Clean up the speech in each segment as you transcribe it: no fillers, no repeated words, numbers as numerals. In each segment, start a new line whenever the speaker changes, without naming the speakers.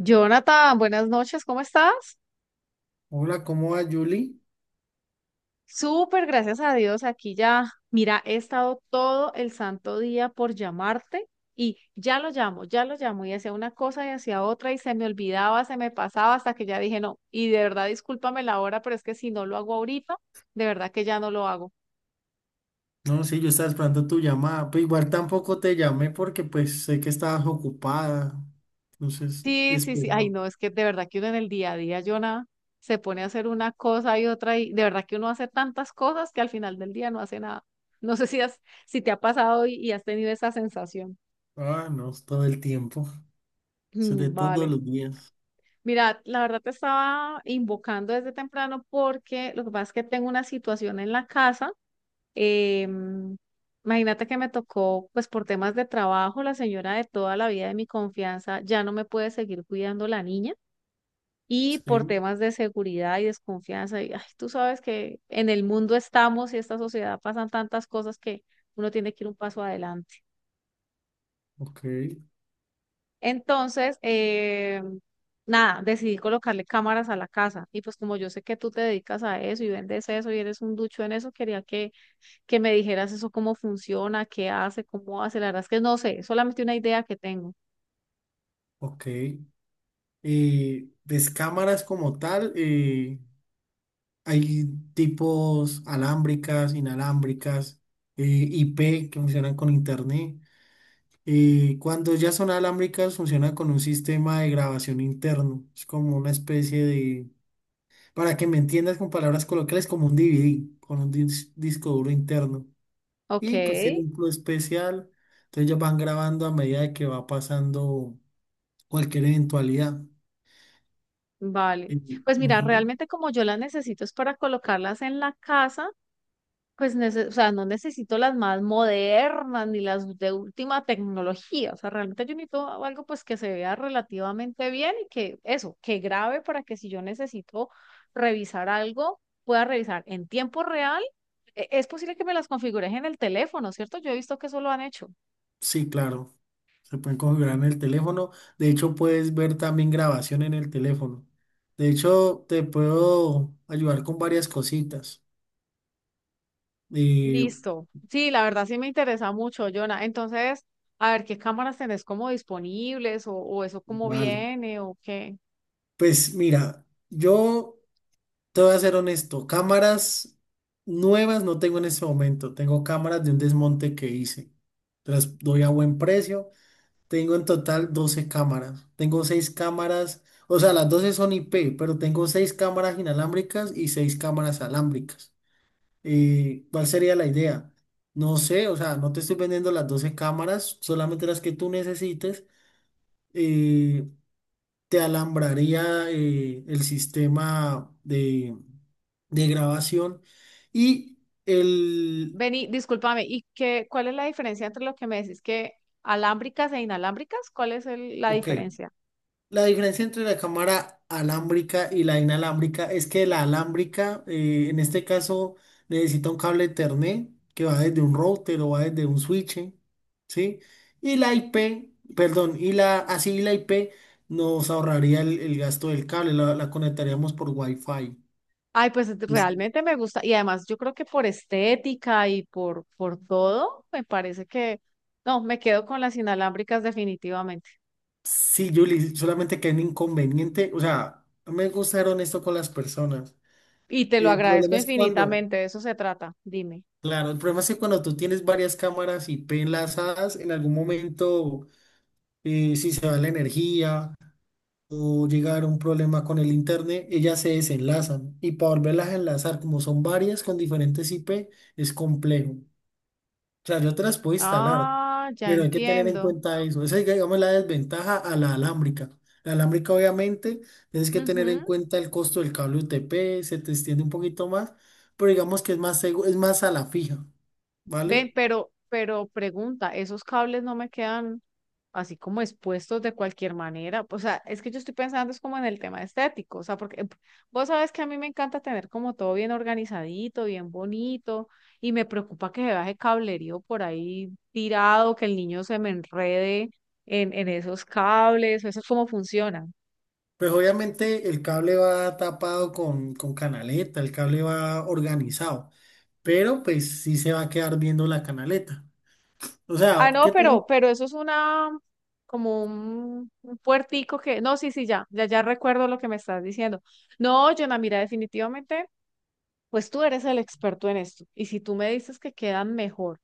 Jonathan, buenas noches, ¿cómo estás?
Hola, ¿cómo va, Julie?
Súper, gracias a Dios, aquí ya, mira, he estado todo el santo día por llamarte y ya lo llamo y hacía una cosa y hacía otra y se me olvidaba, se me pasaba hasta que ya dije no, y de verdad discúlpame la hora, pero es que si no lo hago ahorita, de verdad que ya no lo hago.
No, sí, yo estaba esperando tu llamada. Pues igual tampoco te llamé porque pues sé que estabas ocupada. Entonces,
Sí, sí, sí. Ay,
esperaba.
no, es que de verdad que uno en el día a día, Jonah, se pone a hacer una cosa y otra y de verdad que uno hace tantas cosas que al final del día no hace nada. No sé si has, Si te ha pasado y has tenido esa sensación.
Ah, no, es todo el tiempo. Es de
Mm.
todos
Vale.
los días.
Mira, la verdad te estaba invocando desde temprano porque lo que pasa es que tengo una situación en la casa. em, Imagínate que me tocó, pues por temas de trabajo, la señora de toda la vida de mi confianza ya no me puede seguir cuidando la niña. Y por
Sí,
temas de seguridad y desconfianza. Y, ay, tú sabes que en el mundo estamos y esta sociedad pasan tantas cosas que uno tiene que ir un paso adelante.
ok,
Entonces, nada, decidí colocarle cámaras a la casa y pues como yo sé que tú te dedicas a eso y vendes eso y eres un ducho en eso, que me dijeras eso, cómo funciona, qué hace, cómo hace. La verdad es que no sé, solamente una idea que tengo.
ok. Pues cámaras como tal, hay tipos alámbricas, inalámbricas, eh, IP que funcionan con internet. Y cuando ya son alámbricas, funciona con un sistema de grabación interno. Es como una especie de, para que me entiendas con palabras coloquiales, como un DVD, con un disco duro interno.
Ok.
Y pues tiene un plus especial. Entonces ellos van grabando a medida de que va pasando cualquier eventualidad.
Vale,
Y
pues mira,
ujú.
realmente como yo las necesito es para colocarlas en la casa. O sea, no necesito las más modernas ni las de última tecnología. O sea, realmente yo necesito algo pues que se vea relativamente bien y que eso, que grabe para que si yo necesito revisar algo, pueda revisar en tiempo real. ¿Es posible que me las configures en el teléfono, cierto? Yo he visto que eso lo han hecho.
Sí, claro. Se pueden configurar en el teléfono. De hecho, puedes ver también grabación en el teléfono. De hecho, te puedo ayudar con varias cositas. Eh,
Listo. Sí, la verdad sí me interesa mucho, Jonah. Entonces, a ver qué cámaras tenés como disponibles o eso cómo
Vale,
viene o qué.
pues mira, yo te voy a ser honesto, cámaras nuevas no tengo en este momento, tengo cámaras de un desmonte que hice, te las doy a buen precio, tengo en total 12 cámaras, tengo 6 cámaras, o sea, las 12 son IP, pero tengo 6 cámaras inalámbricas y 6 cámaras alámbricas. ¿Cuál sería la idea? No sé, o sea, no te estoy vendiendo las 12 cámaras, solamente las que tú necesites. eh, Te alambraría el sistema de grabación y el...
Vení, discúlpame, ¿cuál es la diferencia entre lo que me decís que alámbricas e inalámbricas? ¿Cuál es la
Ok,
diferencia?
la diferencia entre la cámara alámbrica y la inalámbrica es que la alámbrica, en este caso, necesita un cable Ethernet que va desde un router o va desde un switch, ¿sí? Y la IP, perdón, y la, así y la IP nos ahorraría el gasto del cable, la conectaríamos por Wi-Fi.
Ay, pues realmente me gusta y además yo creo que por estética por todo, me parece que no, me quedo con las inalámbricas definitivamente.
Sí, Julie, solamente que hay un inconveniente, o sea, no me gusta ser honesto con las personas.
Y te lo
El
agradezco
problema es cuando,
infinitamente, de eso se trata, dime.
claro, el problema es que cuando tú tienes varias cámaras IP enlazadas, en algún momento, si se va la energía o llega a un problema con el internet, ellas se desenlazan. Y para volverlas a enlazar, como son varias con diferentes IP, es complejo. Sea, yo te las puedo instalar,
Ah, ya
pero hay que tener en
entiendo.
cuenta eso. Esa es, digamos, la desventaja a la alámbrica. La alámbrica, obviamente, tienes que tener en
Ujú.
cuenta el costo del cable UTP, se te extiende un poquito más, pero digamos que es más es más a la fija,
Ven,
¿vale?
pero pregunta, ¿esos cables no me quedan así como expuestos de cualquier manera? O sea, es que yo estoy pensando es como en el tema estético, o sea, porque vos sabes que a mí me encanta tener como todo bien organizadito, bien bonito, y me preocupa que se baje cablerío por ahí tirado, que el niño se me enrede en esos cables, eso es cómo funciona.
Pues obviamente el cable va tapado con canaleta, el cable va organizado, pero pues sí se va a quedar viendo la canaleta. O
Ah,
sea,
no,
¿qué te... re-?
pero, pero eso es un puertico que, no, sí, sí, ya recuerdo lo que me estás diciendo. No, Jonah, mira, definitivamente, pues tú eres el experto en esto. Y si tú me dices que quedan mejor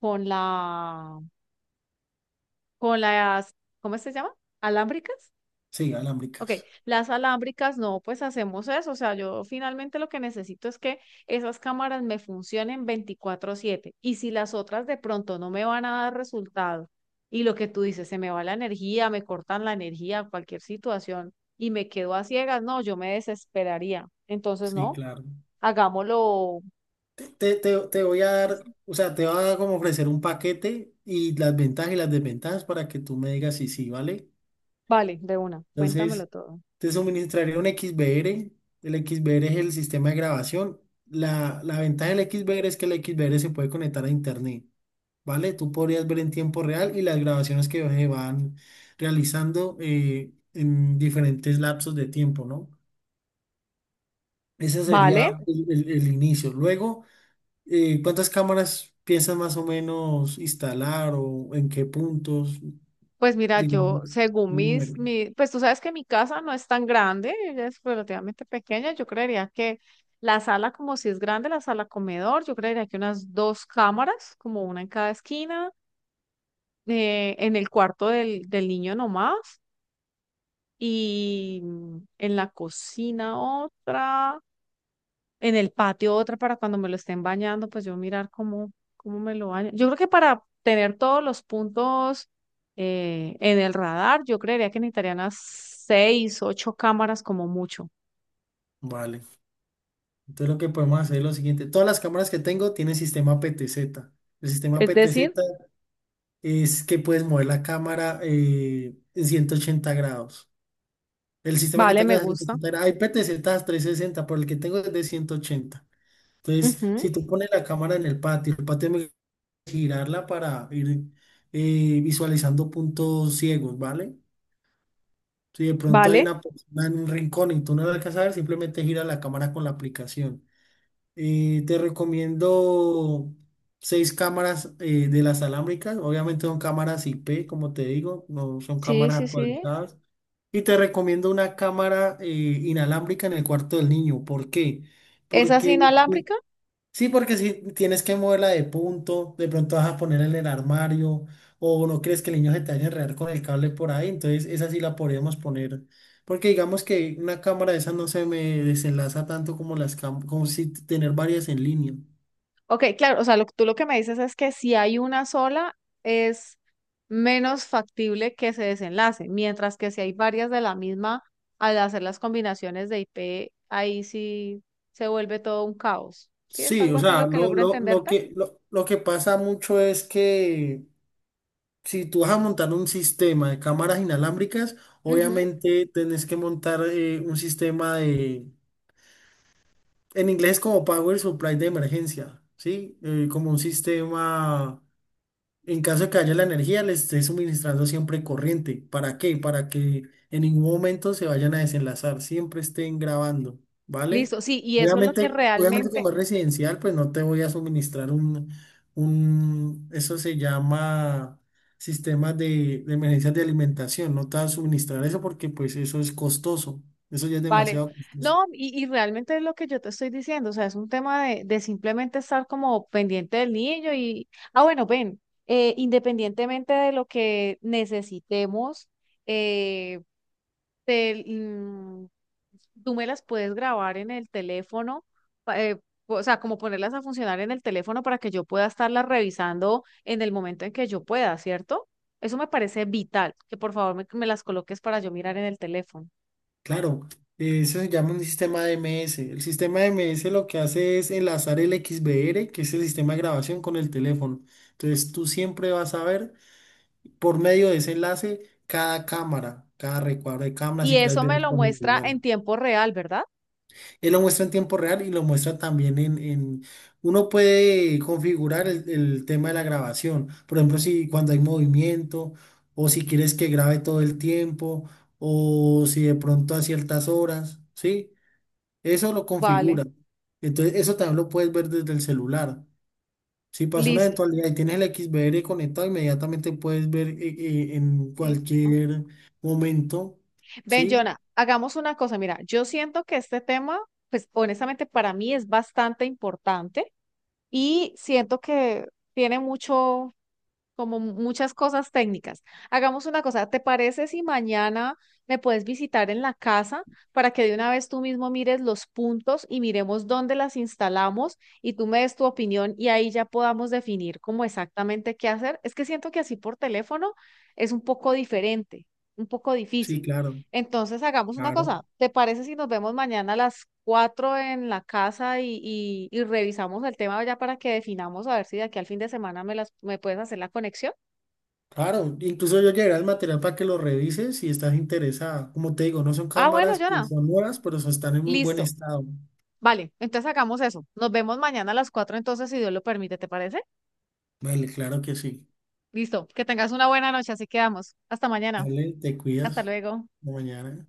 con la, con las, ¿cómo se llama? ¿Alámbricas?
Sí,
Ok,
alámbricas.
las alámbricas, no, pues hacemos eso. O sea, yo finalmente lo que necesito es que esas cámaras me funcionen 24/7. Y si las otras de pronto no me van a dar resultado, y lo que tú dices, se me va la energía, me cortan la energía, cualquier situación, y me quedo a ciegas, no, yo me desesperaría. Entonces,
Sí,
no,
claro.
hagámoslo
Te, te voy a dar,
así.
o sea, te va a como ofrecer un paquete y las ventajas y las desventajas para que tú me digas si sí, ¿vale?
Vale, de una, cuéntamelo
Entonces,
todo.
te suministraría un XBR. El XBR es el sistema de grabación. La ventaja del XBR es que el XBR se puede conectar a internet, ¿vale? Tú podrías ver en tiempo real y las grabaciones que se van realizando en diferentes lapsos de tiempo, ¿no? Ese
Vale.
sería el el inicio. Luego... ¿cuántas cámaras piensas más o menos instalar o en qué puntos,
Pues mira,
digamos,
yo, según
un número?
mis, mi, pues tú sabes que mi casa no es tan grande, ella es relativamente pequeña, yo creería que la sala, como si es grande, la sala comedor, yo creería que unas dos cámaras, como una en cada esquina, en el cuarto del niño nomás, y en la cocina otra, en el patio otra para cuando me lo estén bañando, pues yo mirar cómo, cómo me lo baño. Yo creo que para tener todos los puntos en el radar, yo creería que necesitaría unas seis, ocho cámaras como mucho.
Vale. Entonces lo que podemos hacer es lo siguiente. Todas las cámaras que tengo tienen sistema PTZ. El sistema
Es decir,
PTZ es que puedes mover la cámara en 180 grados. El sistema que
vale,
tengo
me
es de
gusta.
180 grados. Hay PTZ 360, pero el que tengo es de 180. Entonces,
Ujú.
si tú pones la cámara en el patio me girarla para ir visualizando puntos ciegos, ¿vale? Si de pronto hay
Vale,
una persona en un rincón y tú no la alcanzas a ver, simplemente gira la cámara con la aplicación. Te recomiendo seis cámaras de las alámbricas. Obviamente son cámaras IP, como te digo, no son
sí,
cámaras
sí, sí.
actualizadas. Y te recomiendo una cámara inalámbrica en el cuarto del niño. ¿Por qué?
¿Esa es
Porque si
inalámbrica?
sí, porque si tienes que moverla de punto, de pronto vas a ponerla en el armario, o no crees que el niño se te vaya a enredar con el cable por ahí, entonces esa sí la podríamos poner. Porque digamos que una cámara de esas no se me desenlaza tanto como las como si tener varias en línea.
Ok, claro, o sea, tú lo que me dices es que si hay una sola, es menos factible que se desenlace, mientras que si hay varias de la misma, al hacer las combinaciones de IP, ahí sí se vuelve todo un caos. ¿Sí? ¿Es
Sí,
algo
o
así lo
sea,
que
lo,
logro
lo, lo
entenderte?
que, lo, lo que pasa mucho es que si tú vas a montar un sistema de cámaras inalámbricas,
Ujú.
obviamente tenés que montar un sistema. En inglés es como Power Supply de emergencia, ¿sí? Como un sistema, en caso de que haya la energía, les esté suministrando siempre corriente. ¿Para qué? Para que en ningún momento se vayan a desenlazar, siempre estén grabando, ¿vale?
Listo, sí, y eso es lo que
Obviamente, obviamente
realmente.
como es residencial, pues no te voy a suministrar un, eso se llama sistema de emergencias de alimentación, no te voy a suministrar eso porque pues eso es costoso, eso ya es
Vale,
demasiado costoso.
no, y realmente es lo que yo te estoy diciendo, o sea, es un tema de simplemente estar como pendiente del niño y, ah, bueno, ven, independientemente de lo que necesitemos, eh, te- mm, tú me las puedes grabar en el teléfono, pa- eh, o sea, como ponerlas a funcionar en el teléfono para que yo pueda estarlas revisando en el momento en que yo pueda, ¿cierto? Eso me parece vital, que por favor me las coloques para yo mirar en el teléfono.
Claro, eso se llama un sistema DMS. El sistema DMS lo que hace es enlazar el XBR, que es el sistema de grabación, con el teléfono. Entonces tú siempre vas a ver por medio de ese enlace cada cámara, cada recuadro de cámara,
¿Y
si quieres
eso
ver
me lo
con
muestra en
igual.
tiempo real, verdad?
Él lo muestra en tiempo real y lo muestra también en... en... Uno puede configurar el tema de la grabación. Por ejemplo, si cuando hay movimiento o si quieres que grabe todo el tiempo o si de pronto a ciertas horas, ¿sí? Eso lo
Vale,
configura. Entonces, eso también lo puedes ver desde el celular. Si pasa una
listo.
eventualidad y tienes el XVR conectado, inmediatamente puedes ver en
Listo.
cualquier momento.
Ven,
Sí,
Jonah, hagamos una cosa. Mira, yo siento que este tema, pues honestamente para mí es bastante importante y siento que tiene mucho, como muchas cosas técnicas. Hagamos una cosa, ¿te parece si mañana me puedes visitar en la casa para que de una vez tú mismo mires los puntos y miremos dónde las instalamos y tú me des tu opinión y ahí ya podamos definir cómo exactamente qué hacer? Es que siento que así por teléfono es un poco diferente, un poco
sí,
difícil.
claro,
Entonces hagamos una
claro,
cosa. ¿Te parece si nos vemos mañana a las 4 en la casa y, y revisamos el tema ya para que definamos a ver si de aquí al fin de semana me puedes hacer la conexión?
claro. Incluso yo llevaré el material para que lo revises si estás interesada. Como te digo, no son
Ah, bueno,
cámaras que
Jonah,
son nuevas, pero están en muy buen
listo.
estado.
Vale, entonces hagamos eso. Nos vemos mañana a las 4. Entonces, si Dios lo permite, ¿te parece?
Vale, claro que sí.
Listo, que tengas una buena noche, así quedamos. Hasta mañana.
Vale, te
Hasta
cuidas.
luego.
Hasta mañana.